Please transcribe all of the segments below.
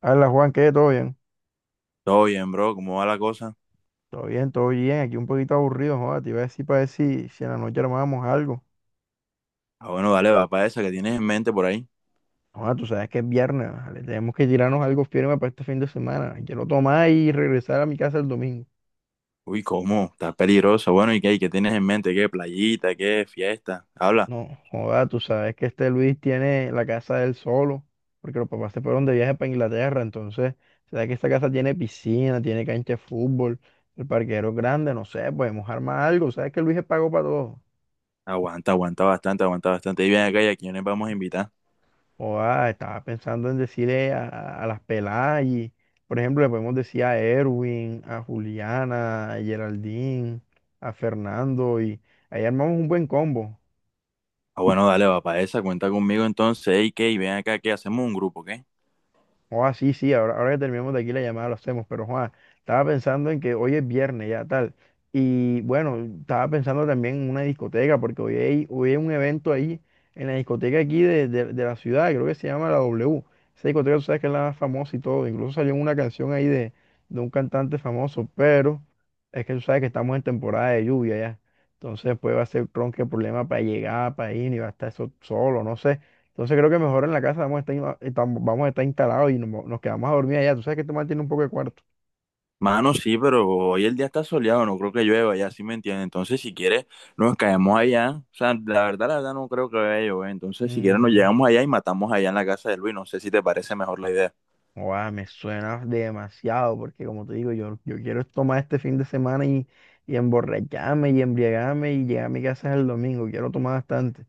Hola Juan, ¿qué? ¿Todo bien? Todo bien, bro, ¿cómo va la cosa? Todo bien, todo bien. Aquí un poquito aburrido, joda. Te iba a decir para ver si en la noche armábamos algo. Ah, bueno, dale, va para esa que tienes en mente por ahí. Joda, tú sabes que es viernes, ¿vale? Tenemos que tirarnos algo firme para este fin de semana. Quiero tomar y regresar a mi casa el domingo. Uy, ¿cómo? ¿Está peligroso? Bueno, ¿y qué, y qué tienes en mente? ¿Qué? ¿Playita? ¿Qué? ¿Fiesta? Habla. No, joda, tú sabes que este Luis tiene la casa del solo, porque los papás se fueron de viaje para Inglaterra. Entonces, sabes que esta casa tiene piscina, tiene cancha de fútbol, el parquero es grande, no sé, podemos armar algo. Sabes que Luis es pago para todo. Aguanta, aguanta bastante, aguanta bastante. Y ven acá, ¿y a quiénes vamos a invitar? Oa, estaba pensando en decirle a las peladas y, por ejemplo, le podemos decir a Erwin, a Juliana, a Geraldine, a Fernando y ahí armamos un buen combo. Ah, bueno, dale, va para esa, cuenta conmigo entonces. ¿Y qué? ¿Y ven acá, qué? ¿Hacemos un grupo, qué? Joa, sí, sí, ahora, ahora que terminamos de aquí la llamada lo hacemos, pero Juan, estaba pensando en que hoy es viernes ya, tal. Y bueno, estaba pensando también en una discoteca, porque hoy hay un evento ahí en la discoteca aquí de la ciudad, creo que se llama la W. Esa discoteca tú sabes que es la más famosa y todo, incluso salió una canción ahí de un cantante famoso, pero es que tú sabes que estamos en temporada de lluvia ya. Entonces, pues va a ser tronque problema para llegar, para ir, y va a estar eso solo, no sé. Entonces creo que mejor en la casa vamos a estar, vamos a estar instalados y nos quedamos a dormir allá. Tú sabes que este man tiene un poco de cuarto. Mano, sí, pero hoy el día está soleado, no creo que llueva, ya sí me entiendes. Entonces, si quieres, nos caemos allá. O sea, la verdad, no creo que vaya a llover. Entonces, si quieres, nos Mm, llegamos allá y matamos allá en la casa de Luis. No sé si te parece mejor la idea. guau, me suena demasiado porque como te digo, yo quiero tomar este fin de semana y emborracharme y embriagarme y llegar a mi casa el domingo. Quiero tomar bastante.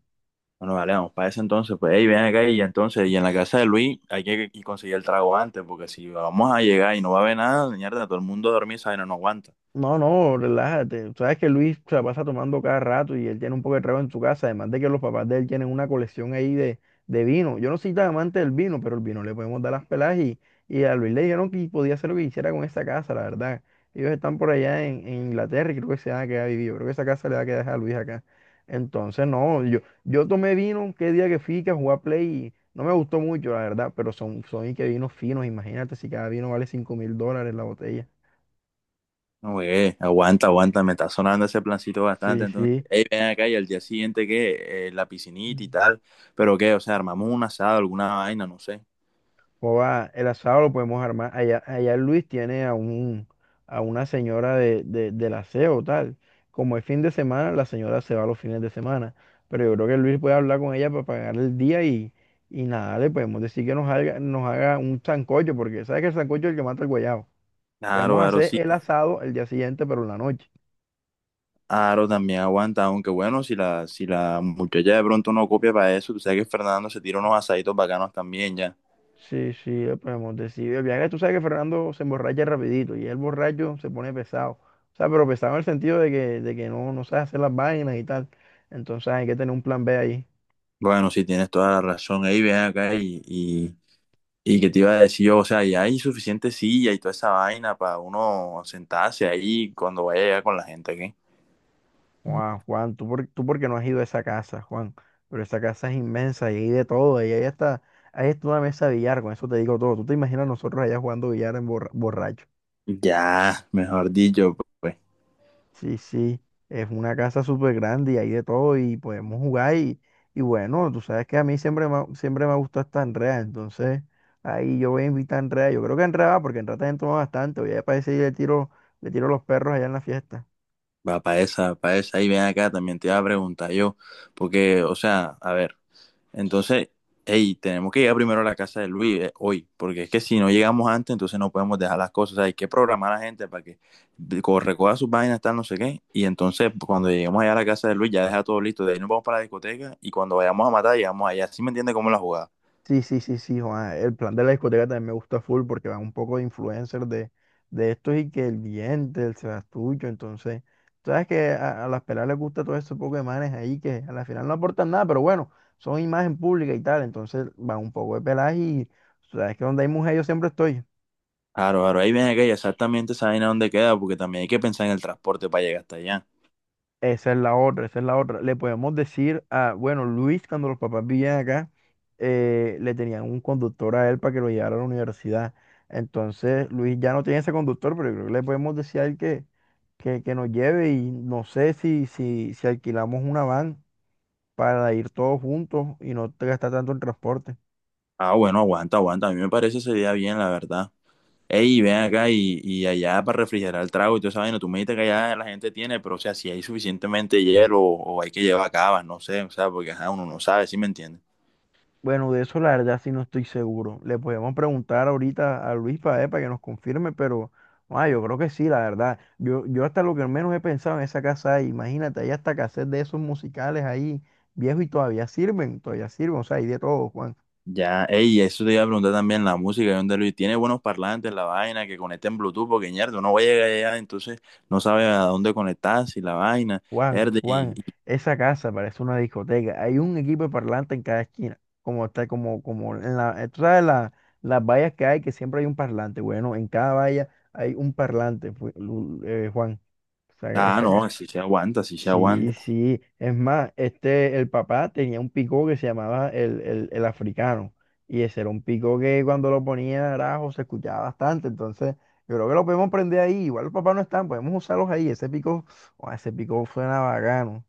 Bueno, vale, vamos para ese entonces, pues, hey, ven acá y entonces, y en la casa de Luis hay que y conseguir el trago antes, porque si vamos a llegar y no va a haber nada, mierda, todo el mundo a dormir, ¿sabes? No, no aguanta. No, no, relájate. Sabes que Luis se la pasa tomando cada rato y él tiene un poco de trago en su casa, además de que los papás de él tienen una colección ahí de vino. Yo no soy tan amante del vino, pero el vino le podemos dar las pelas y a Luis le dijeron que podía hacer lo que quisiera con esa casa, la verdad. Ellos están por allá en Inglaterra y creo que se van a quedar vividos. Creo que esa casa le va a quedar a Luis acá. Entonces, no, yo tomé vino qué día que fui que a jugar Play y no me gustó mucho, la verdad, pero son y que vinos finos, imagínate si cada vino vale $5.000 la botella. No, güey, aguanta, aguanta, me está sonando ese plancito bastante, Sí, entonces, sí. hey, ven acá y al día siguiente, que la piscinita y tal, pero qué, o sea, armamos un asado, alguna vaina, no sé. Joda, el asado lo podemos armar. Allá Luis tiene a una señora del aseo, tal. Como es fin de semana, la señora se va los fines de semana. Pero yo creo que Luis puede hablar con ella para pagar el día y nada, le podemos decir que nos haga un sancocho, porque sabes que el sancocho es el que mata el guayabo. Claro, Podemos claro, hacer sí, el asado el día siguiente, pero en la noche. claro, también aguanta, aunque bueno, si la muchacha de pronto no copia para eso, tú sabes que Fernando se tira unos asaditos bacanos también, ya. Sí, sí, le podemos decir. El viaje, tú sabes que Fernando se emborracha rapidito y el borracho se pone pesado. O sea, pero pesado en el sentido de que no, no sabe hacer las vainas y tal. Entonces hay que tener un plan B ahí. Bueno, sí, tienes toda la razón. Ahí ven acá y que te iba a decir yo, o sea, ya hay suficiente silla y toda esa vaina para uno sentarse ahí cuando vaya allá con la gente, ¿qué? Juan, Juan, tú porque no has ido a esa casa, Juan. Pero esa casa es inmensa y hay de todo. Y ahí está una mesa de billar, con eso te digo todo. Tú te imaginas nosotros allá jugando billar en borracho. Ya, mejor dicho, pues, Sí, sí, es una casa súper grande y hay de todo y podemos jugar y bueno, tú sabes que a mí siempre me ha gustado esta Andrea, entonces ahí yo voy a invitar a Andrea, yo creo que Andrea va porque Andrea también toma bastante, voy a ir para ese y le tiro los perros allá en la fiesta. va para esa, para esa. Ahí ven acá, también te iba a preguntar yo, porque, o sea, a ver. Entonces, hey, tenemos que llegar primero a la casa de Luis hoy, porque es que si no llegamos antes, entonces no podemos dejar las cosas. O sea, hay que programar a la gente para que recoja sus vainas, tal, no sé qué. Y entonces, cuando lleguemos allá a la casa de Luis, ya deja todo listo. De ahí nos vamos para la discoteca y cuando vayamos a matar, llegamos allá. ¿Sí me entiende cómo es la jugada? Sí, sí, sí, sí, Juan. El plan de la discoteca también me gusta full porque van un poco de influencers de estos y que el diente, el Sebastucho, entonces, sabes que a las peladas les gusta todo ese poco de manes ahí que a la final no aportan nada, pero bueno, son imagen pública y tal, entonces van un poco de peladas y sabes que donde hay mujeres yo siempre estoy. Claro, claro, ahí viene aquella exactamente esa vaina dónde queda, porque también hay que pensar en el transporte para llegar hasta allá. Esa es la otra, esa es la otra. Le podemos decir a, bueno, Luis, cuando los papás vivían acá, le tenían un conductor a él para que lo llevara a la universidad. Entonces, Luis ya no tiene ese conductor, pero yo creo que le podemos decir a él que nos lleve y no sé si alquilamos una van para ir todos juntos y no te gastar tanto en transporte. Ah, bueno, aguanta, aguanta. A mí me parece ese día bien, la verdad. Ey, ven acá y allá para refrigerar el trago y toda esa vaina. Tú me dijiste que allá la gente tiene, pero o sea, si hay suficientemente hielo o hay que llevar cabas, no sé, o sea, porque ajá, uno no sabe, ¿sí me entiendes? Bueno, de eso la verdad sí no estoy seguro. Le podemos preguntar ahorita a Luis para que nos confirme, pero yo creo que sí, la verdad. Yo hasta lo que al menos he pensado en esa casa ahí, imagínate, hay hasta cassette de esos musicales ahí, viejos y todavía sirven, o sea, hay de todo, Juan, Ya, ey, eso te iba a preguntar también, la música, ¿de dónde Luis? ¿Tiene buenos parlantes, la vaina, que conecten Bluetooth? Porque, ñerdo, no va a llegar allá, entonces no sabe a dónde conectar, si la vaina, Juan, herde, Juan. Esa casa parece una discoteca. Hay un equipo de parlante en cada esquina, como está, como, como en la, tú sabes las vallas que hay, que siempre hay un parlante. Bueno, en cada valla hay un parlante, Juan. Esa, Ah, esa casa. no, si se aguanta, si se Sí, aguanta. sí. Es más, este, el papá tenía un pico que se llamaba el africano. Y ese era un pico que cuando lo ponía arajo se escuchaba bastante. Entonces, yo creo que lo podemos prender ahí. Igual los papás no están, podemos usarlos ahí. Ese pico, oh, ese pico suena bacano.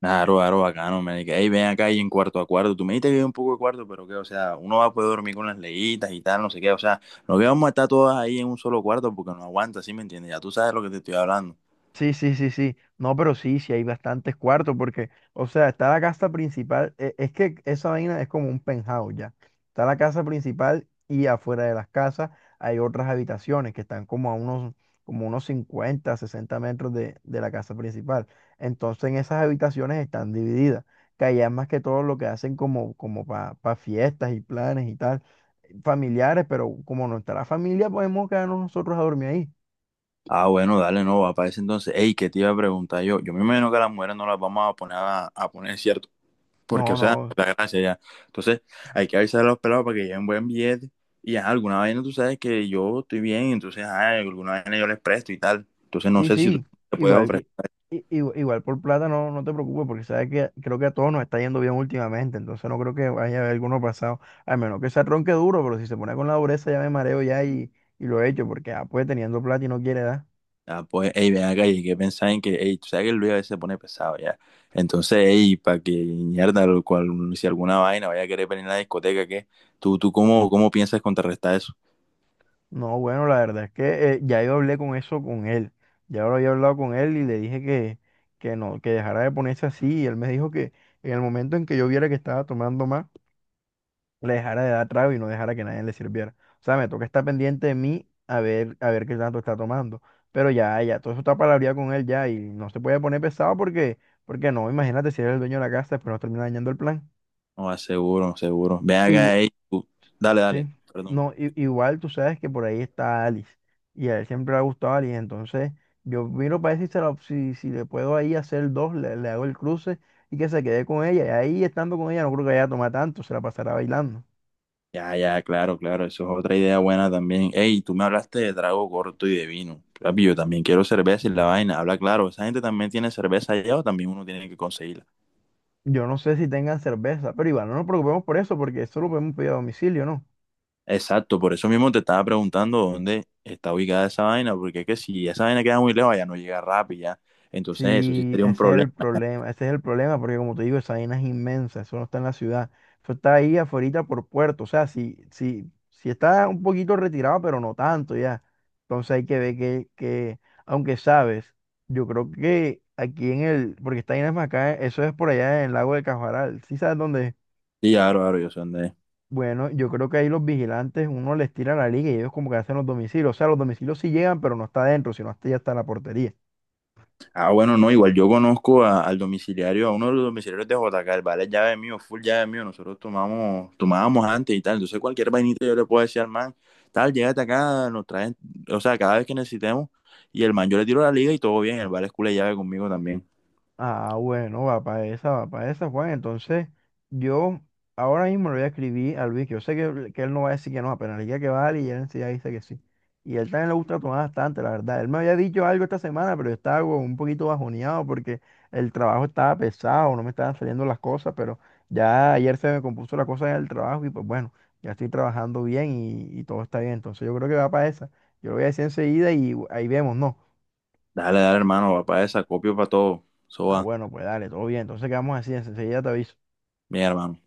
Claro, claro, bacano, man. Y que, "Ey, ven acá y en cuarto a cuarto. Tú me dijiste que hay un poco de cuarto, pero que, o sea, uno va a poder dormir con las leyitas y tal, no sé qué. O sea, no que vamos a estar todas ahí en un solo cuarto porque no aguanta, ¿sí me entiendes? Ya tú sabes lo que te estoy hablando. Sí, sí, sí, sí. No, pero sí, sí hay bastantes cuartos porque, o sea, está la casa principal. Es que esa vaina es como un penthouse ya. Está la casa principal y afuera de las casas hay otras habitaciones que están como como unos 50 60 metros de la casa principal. Entonces en esas habitaciones están divididas, que allá es más que todo lo que hacen como para fiestas y planes y tal, familiares, pero como no está la familia, podemos quedarnos nosotros a dormir ahí. Ah, bueno, dale, no, va para ese entonces. Ey, ¿qué te iba a preguntar yo? Yo me imagino que a las mujeres no las vamos a poner a poner, ¿cierto? Porque, No, o sea, no. la gracia ya. Entonces, hay que avisar a los pelados para que lleven buen billete. Y ajá, alguna vaina tú sabes que yo estoy bien, entonces, ah, alguna vaina yo les presto y tal. Entonces, no Sí, sé si tú sí, te puedes igual, ofrecer. que- i- igu- igual, por plata no, no te preocupes porque sabes que creo que a todos nos está yendo bien últimamente, entonces no creo que vaya a haber alguno pasado, al menos que se ronque duro, pero si se pone con la dureza ya me mareo ya y lo he hecho porque ah, pues teniendo plata y no quiere dar. Ah, pues, ey, ven acá, y hay que pensar en que, ey, tú sabes que el Luis a veces se pone pesado ya. Entonces, ey, para que mierda, lo cual, si alguna vaina vaya a querer venir a la discoteca, ¿qué? ¿Tú cómo, cómo piensas contrarrestar eso? No, bueno, la verdad es que ya yo hablé con eso con él, ya lo había hablado con él y le dije que no, que dejara de ponerse así y él me dijo que en el momento en que yo viera que estaba tomando más, le dejara de dar trago y no dejara que nadie le sirviera. O sea, me toca estar pendiente de mí a ver qué tanto está tomando. Pero ya, ya, todo eso está palabreado con él ya y no se puede poner pesado porque, porque no, imagínate si eres el dueño de la casa, después nos termina dañando el plan. No, ah, seguro, seguro. Ven Igu- acá, ey, tú, dale, sí, dale, perdón. no, igual tú sabes que por ahí está Alice y a él siempre le ha gustado Alice, entonces yo miro para ver si, si le puedo ahí hacer dos, le hago el cruce y que se quede con ella. Y ahí estando con ella no creo que vaya a tomar tanto, se la pasará bailando. Ya, ya, claro, claro, eso es otra idea buena también. Ey, tú me hablaste de trago corto y de vino. Papi, yo también quiero cerveza y la vaina, habla claro, ¿esa gente también tiene cerveza allá o también uno tiene que conseguir? Yo no sé si tengan cerveza, pero igual no nos preocupemos por eso, porque eso lo podemos pedir a domicilio, ¿no? Exacto, por eso mismo te estaba preguntando dónde está ubicada esa vaina, porque es que si esa vaina queda muy lejos, ya no llega rápido, ya. Entonces, eso sí Sí, sería un ese es problema. el problema, ese es el problema, porque como te digo, esa vaina es inmensa, eso no está en la ciudad, eso está ahí afuera por puerto, o sea, si está un poquito retirado, pero no tanto ya. Entonces hay que ver aunque sabes, yo creo que aquí en el, porque esta vaina es más acá, eso es por allá en el lago de Cajaral, ¿sí sabes dónde es? Sí, claro, claro, yo sé dónde es. Bueno, yo creo que ahí los vigilantes, uno les tira la liga y ellos como que hacen los domicilios. O sea, los domicilios sí llegan, pero no está adentro, sino hasta ya está la portería. Ah, bueno, no, igual yo conozco al domiciliario, a uno de los domiciliarios de JK, el vale es llave mío, full llave mío, nosotros tomábamos antes y tal, entonces cualquier vainita yo le puedo decir al man, tal, llégate acá, nos traen, o sea, cada vez que necesitemos, y el man yo le tiro la liga y todo bien, el vale es culo de llave conmigo también. Ah, bueno, va para esa, Juan. Entonces, yo ahora mismo le voy a escribir a Luis, que yo sé que él no va a decir que no, apenas le diga que vale y él enseguida dice que sí. Y él también le gusta tomar bastante, la verdad. Él me había dicho algo esta semana, pero yo estaba como un poquito bajoneado porque el trabajo estaba pesado, no me estaban saliendo las cosas, pero ya ayer se me compuso la cosa en el trabajo y pues bueno, ya estoy trabajando bien y todo está bien. Entonces, yo creo que va para esa. Yo lo voy a decir enseguida y ahí vemos, ¿no? Dale, dale, hermano, papá, esa, copio para todo, eso Ah, va, bueno, pues dale, todo bien. Entonces quedamos así, enseguida te aviso. bien, hermano.